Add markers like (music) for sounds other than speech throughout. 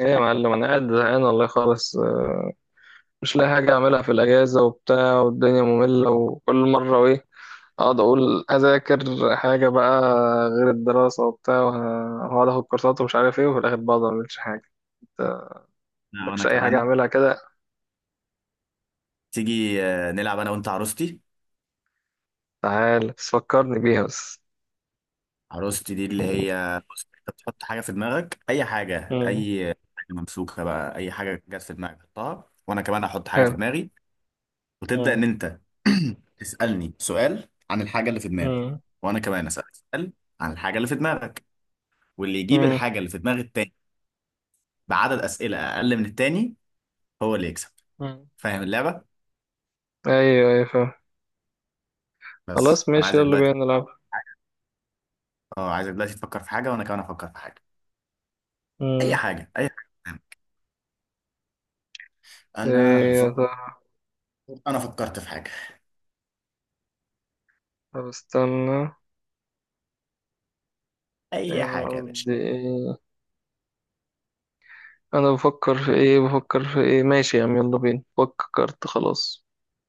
ايه يا معلم، انا قاعد زهقان والله خالص، مش لاقي حاجه اعملها في الاجازه وبتاع، والدنيا ممله. وكل مره ايه، اقعد اقول اذاكر حاجه بقى غير الدراسه وبتاع وهقعد اخد كورسات ومش عارف ايه، وفي الاخر بقعد ما اعملش حاجه. انت أنا وأنا مالكش اي حاجه كمان. اعملها كده؟ تيجي، نلعب أنا وأنت عروستي. تعال بس فكرني بيها بس. عروستي دي اللي هي، بص، أنت بتحط حاجة في دماغك، أي حاجة، مم. أي حاجة ممسوكة بقى، أي حاجة جت في دماغك حطها، وأنا كمان هحط حاجة في حلو. دماغي، وتبدأ مم. إن أنت (clears throat) تسألني سؤال عن الحاجة اللي في دماغي، مم. وأنا كمان أسألك سؤال عن الحاجة اللي في دماغك، واللي يجيب مم. الحاجة اللي في دماغ التاني بعدد أسئلة أقل من التاني هو اللي يكسب. مم. فاهم اللعبة؟ ايوه ايوه فاهم. بس خلاص فأنا ماشي، عايزك يلا دلوقتي، بينا نلعب. أه عايزك دلوقتي تفكر في حاجة وأنا كمان أفكر في حاجة، أي مم. حاجة، أي حاجة. أنا ايه يا هفكر. ترى؟ انا فكرت في حاجه. طب استنى. اي انا حاجه يا باشا. قصدي ايه؟ انا بفكر في ايه، ماشي يا عم، يلا بينا، فكرت خلاص.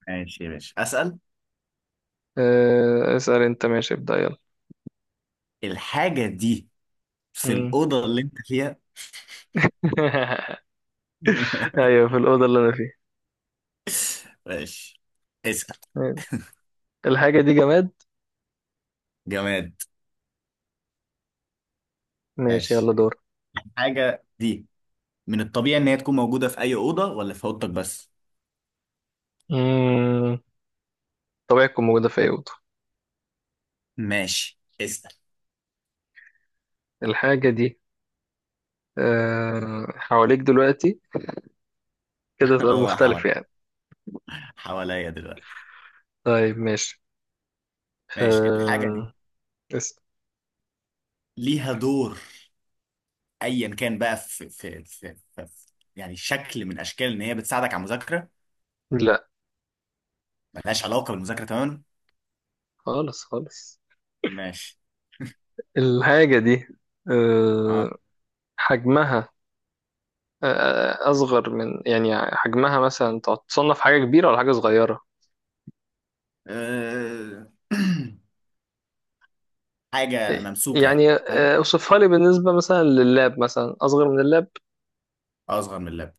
ماشي يا باشا، اسال. اسأل انت، ماشي، ابدأ يلا. الحاجه دي في مم. الاوضه اللي انت فيها. (laughs) (laughs) ايوه في الأوضة اللي انا فيها. ماشي، اسال. الحاجة دي جماد. جماد. ماشي يلا ماشي، دور. الحاجه دي من الطبيعي ان هي تكون موجوده في اي اوضه، ولا في اوضتك بس؟ مم. طبيعة تكون موجودة في اي أوضة. ماشي، اسال. الحاجة دي حواليك دلوقتي، كده (laughs) سؤال اه مختلف حوالي، يعني. حواليا دلوقتي. طيب ماشي. ماشي، الحاجه دي أه، اسأل. ليها دور، ايا كان بقى، في يعني شكل من اشكال ان هي بتساعدك على المذاكره. لا، ملهاش علاقه بالمذاكره تماما. خالص خالص. ماشي. الحاجة دي اه. أه حجمها أصغر من يعني، حجمها مثلا، تصنف حاجة كبيرة ولا حاجة صغيرة؟ أه... (clears throat) حاجة ممسوكة يعني، يعني فاهم. اوصفها لي بالنسبة مثلا لللاب، مثلا أصغر من اللاب. أصغر من اللاب.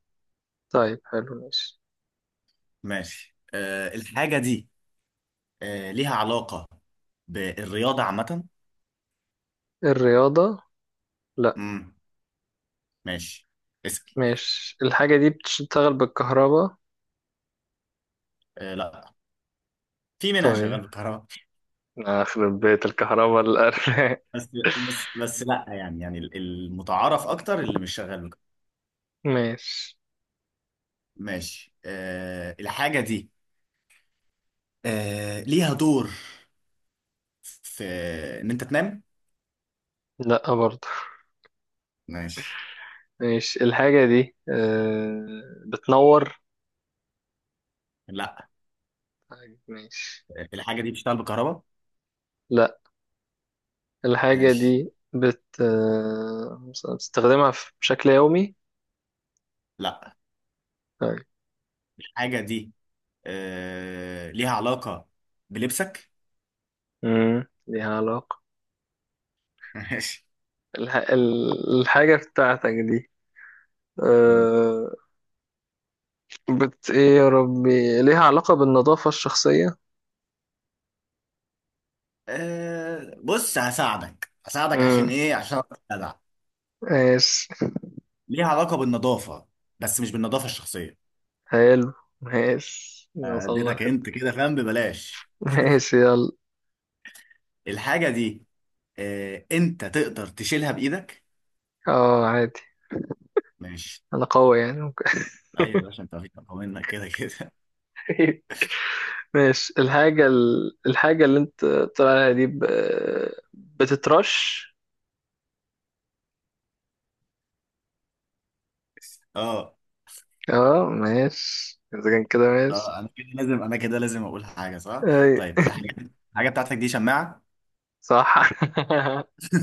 طيب حلو ماشي. ماشي، أه الحاجة دي أه ليها علاقة بالرياضة عامة. الرياضة؟ لا. امم ماشي، اسأل. ماشي. الحاجة دي بتشتغل بالكهرباء؟ أه لا، في منها شغال طيب، بالكهرباء. أخرب بيت الكهرباء الأرنب. (laughs) بس (laughs) بس لا يعني، يعني المتعارف أكتر اللي مش شغال بالكهرباء. ماشي. ماشي، أه الحاجة دي أه ليها دور في إن أنت تنام. لا برضه. ماشي. ماشي. الحاجة دي بتنور؟ لا. ماشي. الحاجة دي بتشتغل بالكهرباء. لا. الحاجة ماشي. دي بت آه، بتستخدمها في- بشكل يومي؟ لا. طيب. الحاجة دي آه ليها علاقة بلبسك. امم، ليها علاقة. (laughs) ماشي. الحاجة بتاعتك دي مم. أه... بت ايه يا ربي، ليها علاقة بالنظافة الشخصية؟ آه بص، هساعدك هساعدك عشان امم. ايه، عشان أبقى جدع. ماشي. ليها علاقة بالنظافة، بس مش بالنظافة الشخصية. حلو. ماشي، آه، وصلنا اديتك لحتة. انت كده فاهم ببلاش. ماشي يلا. الحاجة دي آه انت تقدر تشيلها بايدك. اه عادي. ماشي. انا قوي يعني، ممكن. ايوه يا باشا، انت فيك اقوى منك كده كده. (laughs) ماشي. الحاجة اللي انت طلع عليها دي بتترش؟ (laughs) اه. اه ماشي، اذا كان كده ماشي. انا كده لازم اقول حاجة صح. اي طيب الحاجة، الحاجة بتاعتك دي شماعة. صح.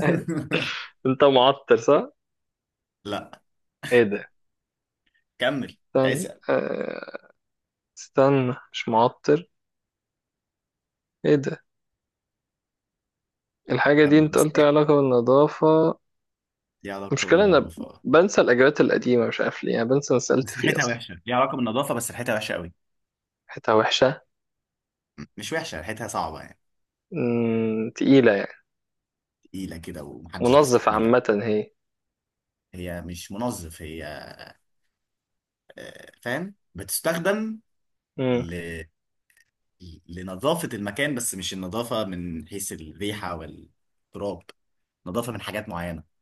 (laughs) انت معطر صح؟ لا. ايه ده؟ كمل، استنى اسأل، استنى مش معطر؟ ايه ده؟ الحاجة دي كمل انت بس. قلت لي علاقة بالنظافة. ليها علاقة المشكلة انا بالنظافة آه. بنسى الاجابات القديمة، مش عارف ليه، يعني بنسى انا سألت بس فيه ريحتها اصلا. وحشة. ليها علاقة بالنظافة، بس ريحتها وحشة قوي. حتة وحشة. مش وحشة، ريحتها صعبة يعني. مم، تقيلة يعني. تقيلة كده ومحدش منظف بيستحملها. عامة هي؟ هي مش منظف هي. آه، فاهم، بتستخدم مم. ل... لنظافة المكان، بس مش النظافة من حيث الريحة والتراب. نظافة من حاجات معينة.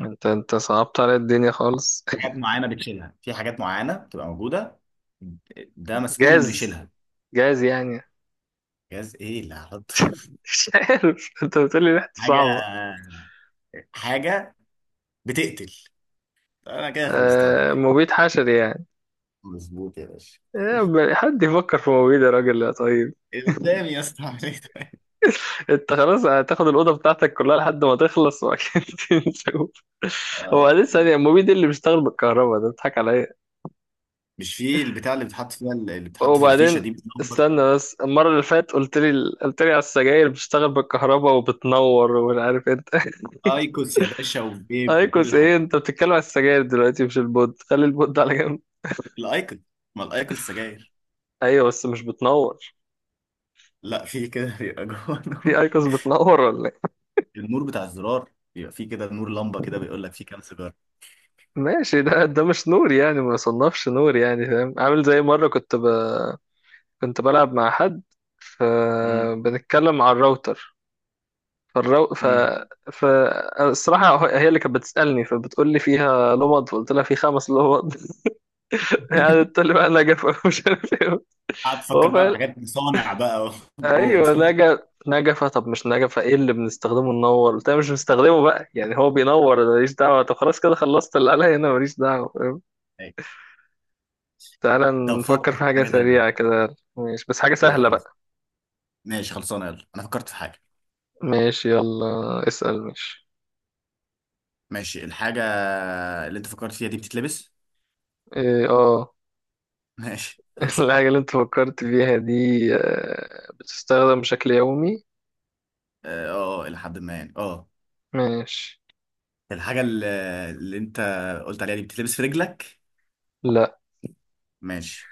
انت صعبت على الدنيا خالص. حاجات معينة بتشيلها، في حاجات معينة بتبقى موجودة ده (laughs) مسؤول انه جاز، يشيلها. جاز يعني. (laughs) جهاز ايه اللي هحطه. مش عارف، انت بتقولي (laughs) ريحته حاجة صعبة. حاجة بتقتل. انا كده خلصتها آه، لك يعني. مبيد حشري يعني؟ مظبوط يا باشا. إيه، حد يفكر في مبيد يا راجل يا طيب؟ قدامي يا اسطى عليك. انت خلاص هتاخد الاوضه بتاعتك كلها لحد ما تخلص واكيد. (laughs) نشوف. هو آه. بعدين ثانيه، المبيد ده اللي بيشتغل بالكهرباء ده، بتضحك عليا. مش في البتاع اللي بتحط فيها، اللي بتحط في الفيشه وبعدين دي بتنور. استنى بس، المره اللي فاتت قلت لي على السجاير بتشتغل بالكهرباء وبتنور ومش عارف انت. (laughs) ايكوس يا باشا، وفيب، وكل ايكوس ايه؟ الحاجات. انت بتتكلم على السجاير دلوقتي مش البود، خلي البود ده على جنب. الايكوس. ما الايكوس سجاير. ايوه بس مش بتنور. لا، في كده (laughs) بيبقى جوه في نور. ايكوس بتنور ولا ايه؟ النور بتاع الزرار بيبقى في كده نور لمبه، كده بيقول لك في كام سيجاره. ماشي، ده مش نور يعني، ما يصنفش نور يعني، فاهم؟ عامل زي مره كنت بلعب مع حد، امم. فبنتكلم على الراوتر، فالرو... ف... امم. ف الصراحة هي اللي كانت بتسألني، فبتقول لي فيها لمض، فقلت لها في 5 لمض. (laughs) يعني تقول لي بقى نجفة، (laughs) مش عارف ايه. قاعد تفكر هو بقى في فعلا، حاجات مصانع بقى، (laughs) واوض. ايوه نجف. نجفة، طب مش نجفة ايه اللي بنستخدمه ننور؟ قلت لها مش بنستخدمه بقى يعني، هو بينور أنا ماليش دعوة، طب خلاص كده خلصت اللي عليا هنا، ماليش دعوة، فاهم؟ أيوة. تعالى. طب نفكر فكر في في حاجة حاجه تانية. سريعة كده ماشي، بس حاجة إيه، سهلة يلا. بقى. ماشي، خلصانه، يلا انا فكرت في حاجه. ماشي يلا اسأل ماشي. ماشي الحاجه اللي انت فكرت فيها دي بتتلبس. ايه اه. (laughs) ماشي. (laughs) الحاجة اللي انت فكرت فيها دي بتستخدم بشكل يومي؟ اه الى حد ما يعني، اه. ماشي. الحاجه اللي انت قلت عليها دي بتتلبس في رجلك. لا. ماشي.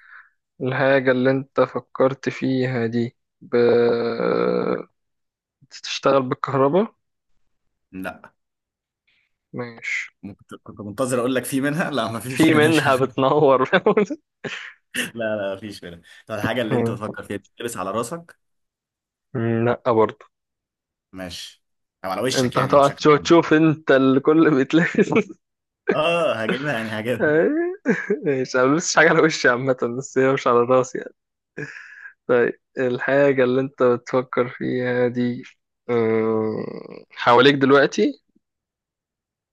الحاجة اللي انت فكرت فيها دي بتشتغل بالكهرباء؟ لا. ماشي. ممكن كنت منتظر اقول لك في منها، لا، ما فيش في منها منها شغل. بتنور؟ (laughs) لا لا، ما فيش منها. طب (laughs) الحاجه اللي انت مم. بتفكر فيها دي بتتلبس على راسك. لا برضه. ماشي. او على وشك، انت يعني هتقعد بشكل تشوف, عام. تشوف انت الكل بيتلبس. (laughs) اه هجيبها يعني، هجيبها. ماشي، انا ملبسش حاجة على وشي عامة، بس هي مش على راسي يعني. طيب الحاجة اللي انت بتفكر فيها دي حواليك دلوقتي؟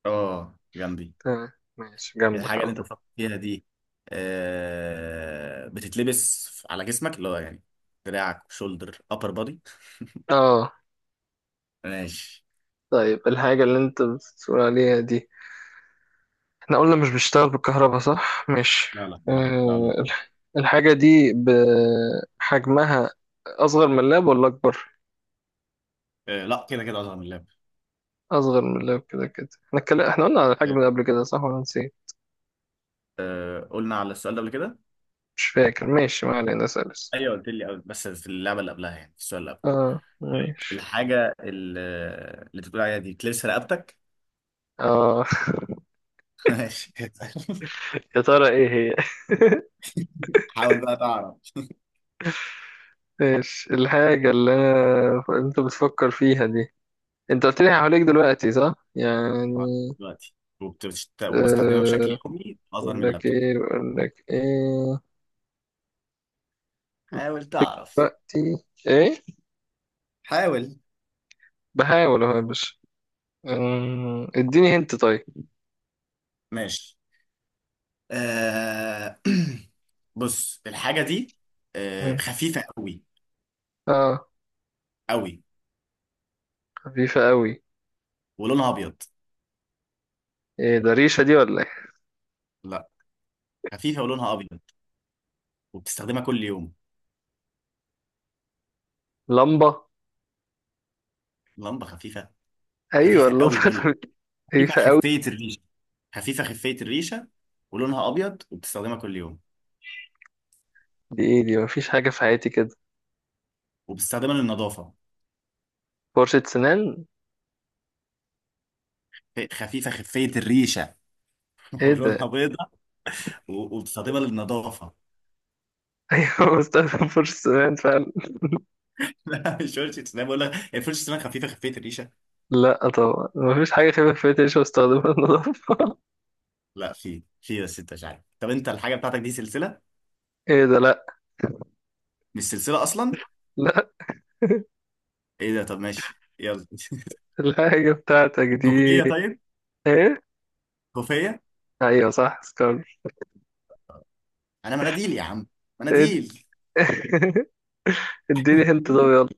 اه جنبي. تمام. ماشي، جنبك الحاجه على اللي انت طول. بتفكر فيها دي آه بتتلبس على جسمك، اللي هو يعني دراعك، شولدر ابر بودي. اه. ماشي. طيب الحاجة اللي انت بتقول عليها دي، احنا قلنا مش بيشتغل بالكهرباء صح؟ ماشي. لا لا، مش بتاع الويب. الحاجة دي بحجمها أصغر من اللاب ولا أكبر؟ آه، لا كده كده اصغر من اللاب. أصغر من اللاب كده كده، احنا قلنا على الحجم ده قبل كده صح ولا نسيت؟ آه، قلنا على السؤال ده قبل كده. مش فاكر، ماشي ما علينا، سلس. ايوه قلت لي قبل، بس في اللعبه اللي قبلها، يعني في السؤال اللي قبل. اه طيب، ماشي. الحاجه اللي انت بتقول عليها دي بتلبس رقبتك. اه. (laughs) ماشي. (laughs) يا ترى ايه هي؟ حاول بقى تعرف. ماشي. الحاجة اللي أنا انت بتفكر فيها دي، انت قلت لي حواليك دلوقتي صح؟ يعني حاول دلوقتي. وبستخدمها بشكل أه. يومي اظهر بقول من لك اللابتوب. ايه، بقول لك ايه، حاول تعرف. دلوقتي ايه؟ حاول. بحاول اهو يا باشا. اديني هنت طيب. ماشي. آه... (clears throat) بص الحاجه دي مم. خفيفه قوي. اه. قوي. خفيفة قوي. ولونها ابيض. ايه ده ريشة دي ولا ايه؟ لا، خفيفه ولونها ابيض، وبتستخدمها كل يوم. لمبة. لمبه خفيفه. ايوه خفيفه اللمبة. قوي بقول لك. (laughs) خفيفه خفيفة قوي؟ خفيه الريشه. خفيفه خفيه الريشه ولونها ابيض وبتستخدمها كل يوم دي ايه؟ دي مفيش حاجة في حياتي كده. وبتستخدمها للنظافه. فرشة سنان. خفيفه خفيه الريشه. (laughs) ايه ولونها ده؟ (laughs) بيضه وبتستخدمها للنظافه. ايوه بستخدم فرشة سنان فعلا. (laughs) لا مش فرشه اسنان بقول لك، هي فرشه اسنان خفيفه خفيه الريشه. لا طبعا مفيش حاجة خفيفة في حياتي، مش بستخدمها للنظافة. (laughs) لا، في في، بس انت مش عارف. طب انت الحاجه بتاعتك دي سلسله. ايه ده؟ لا. مش سلسله اصلا. لا. ايه ده، طب ماشي يلا. الحاجة بتاعتك (laughs) دي كوفيه. طيب. ايه؟ كوفيه. ايوه صح، سكار. انا مناديل يا عم، ايه دي؟ مناديل. (laughs) اديني (laughs) هنت طب مناديل. يلا.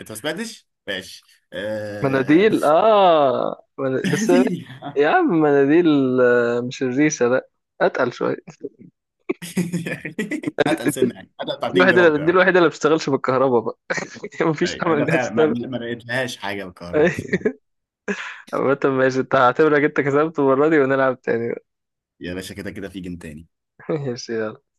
انت ما سمعتش ماشي. آه... مناديل اه (laughs) بس. مناديل. يا عم مناديل. آه، مش الريشة لا، اتقل شوية. (laughs) اتقل سنه يعني، اتقل بتاع دي 2 الوحيدة جرام اللي دي كده. الوحيدة اللي ما بتشتغلش بالكهرباء بقى. (laughs) مفيش أي، امل ده انها فعلا ما, تشتغل. ما لقيتلهاش حاجه بالكهرباء بصراحه. (laughs) عامة ماشي، انت هعتبرك انت كسبت المرة دي، ونلعب تاني بقى. يا باشا كده كده في جنتاني. (laughs) ماشي يلا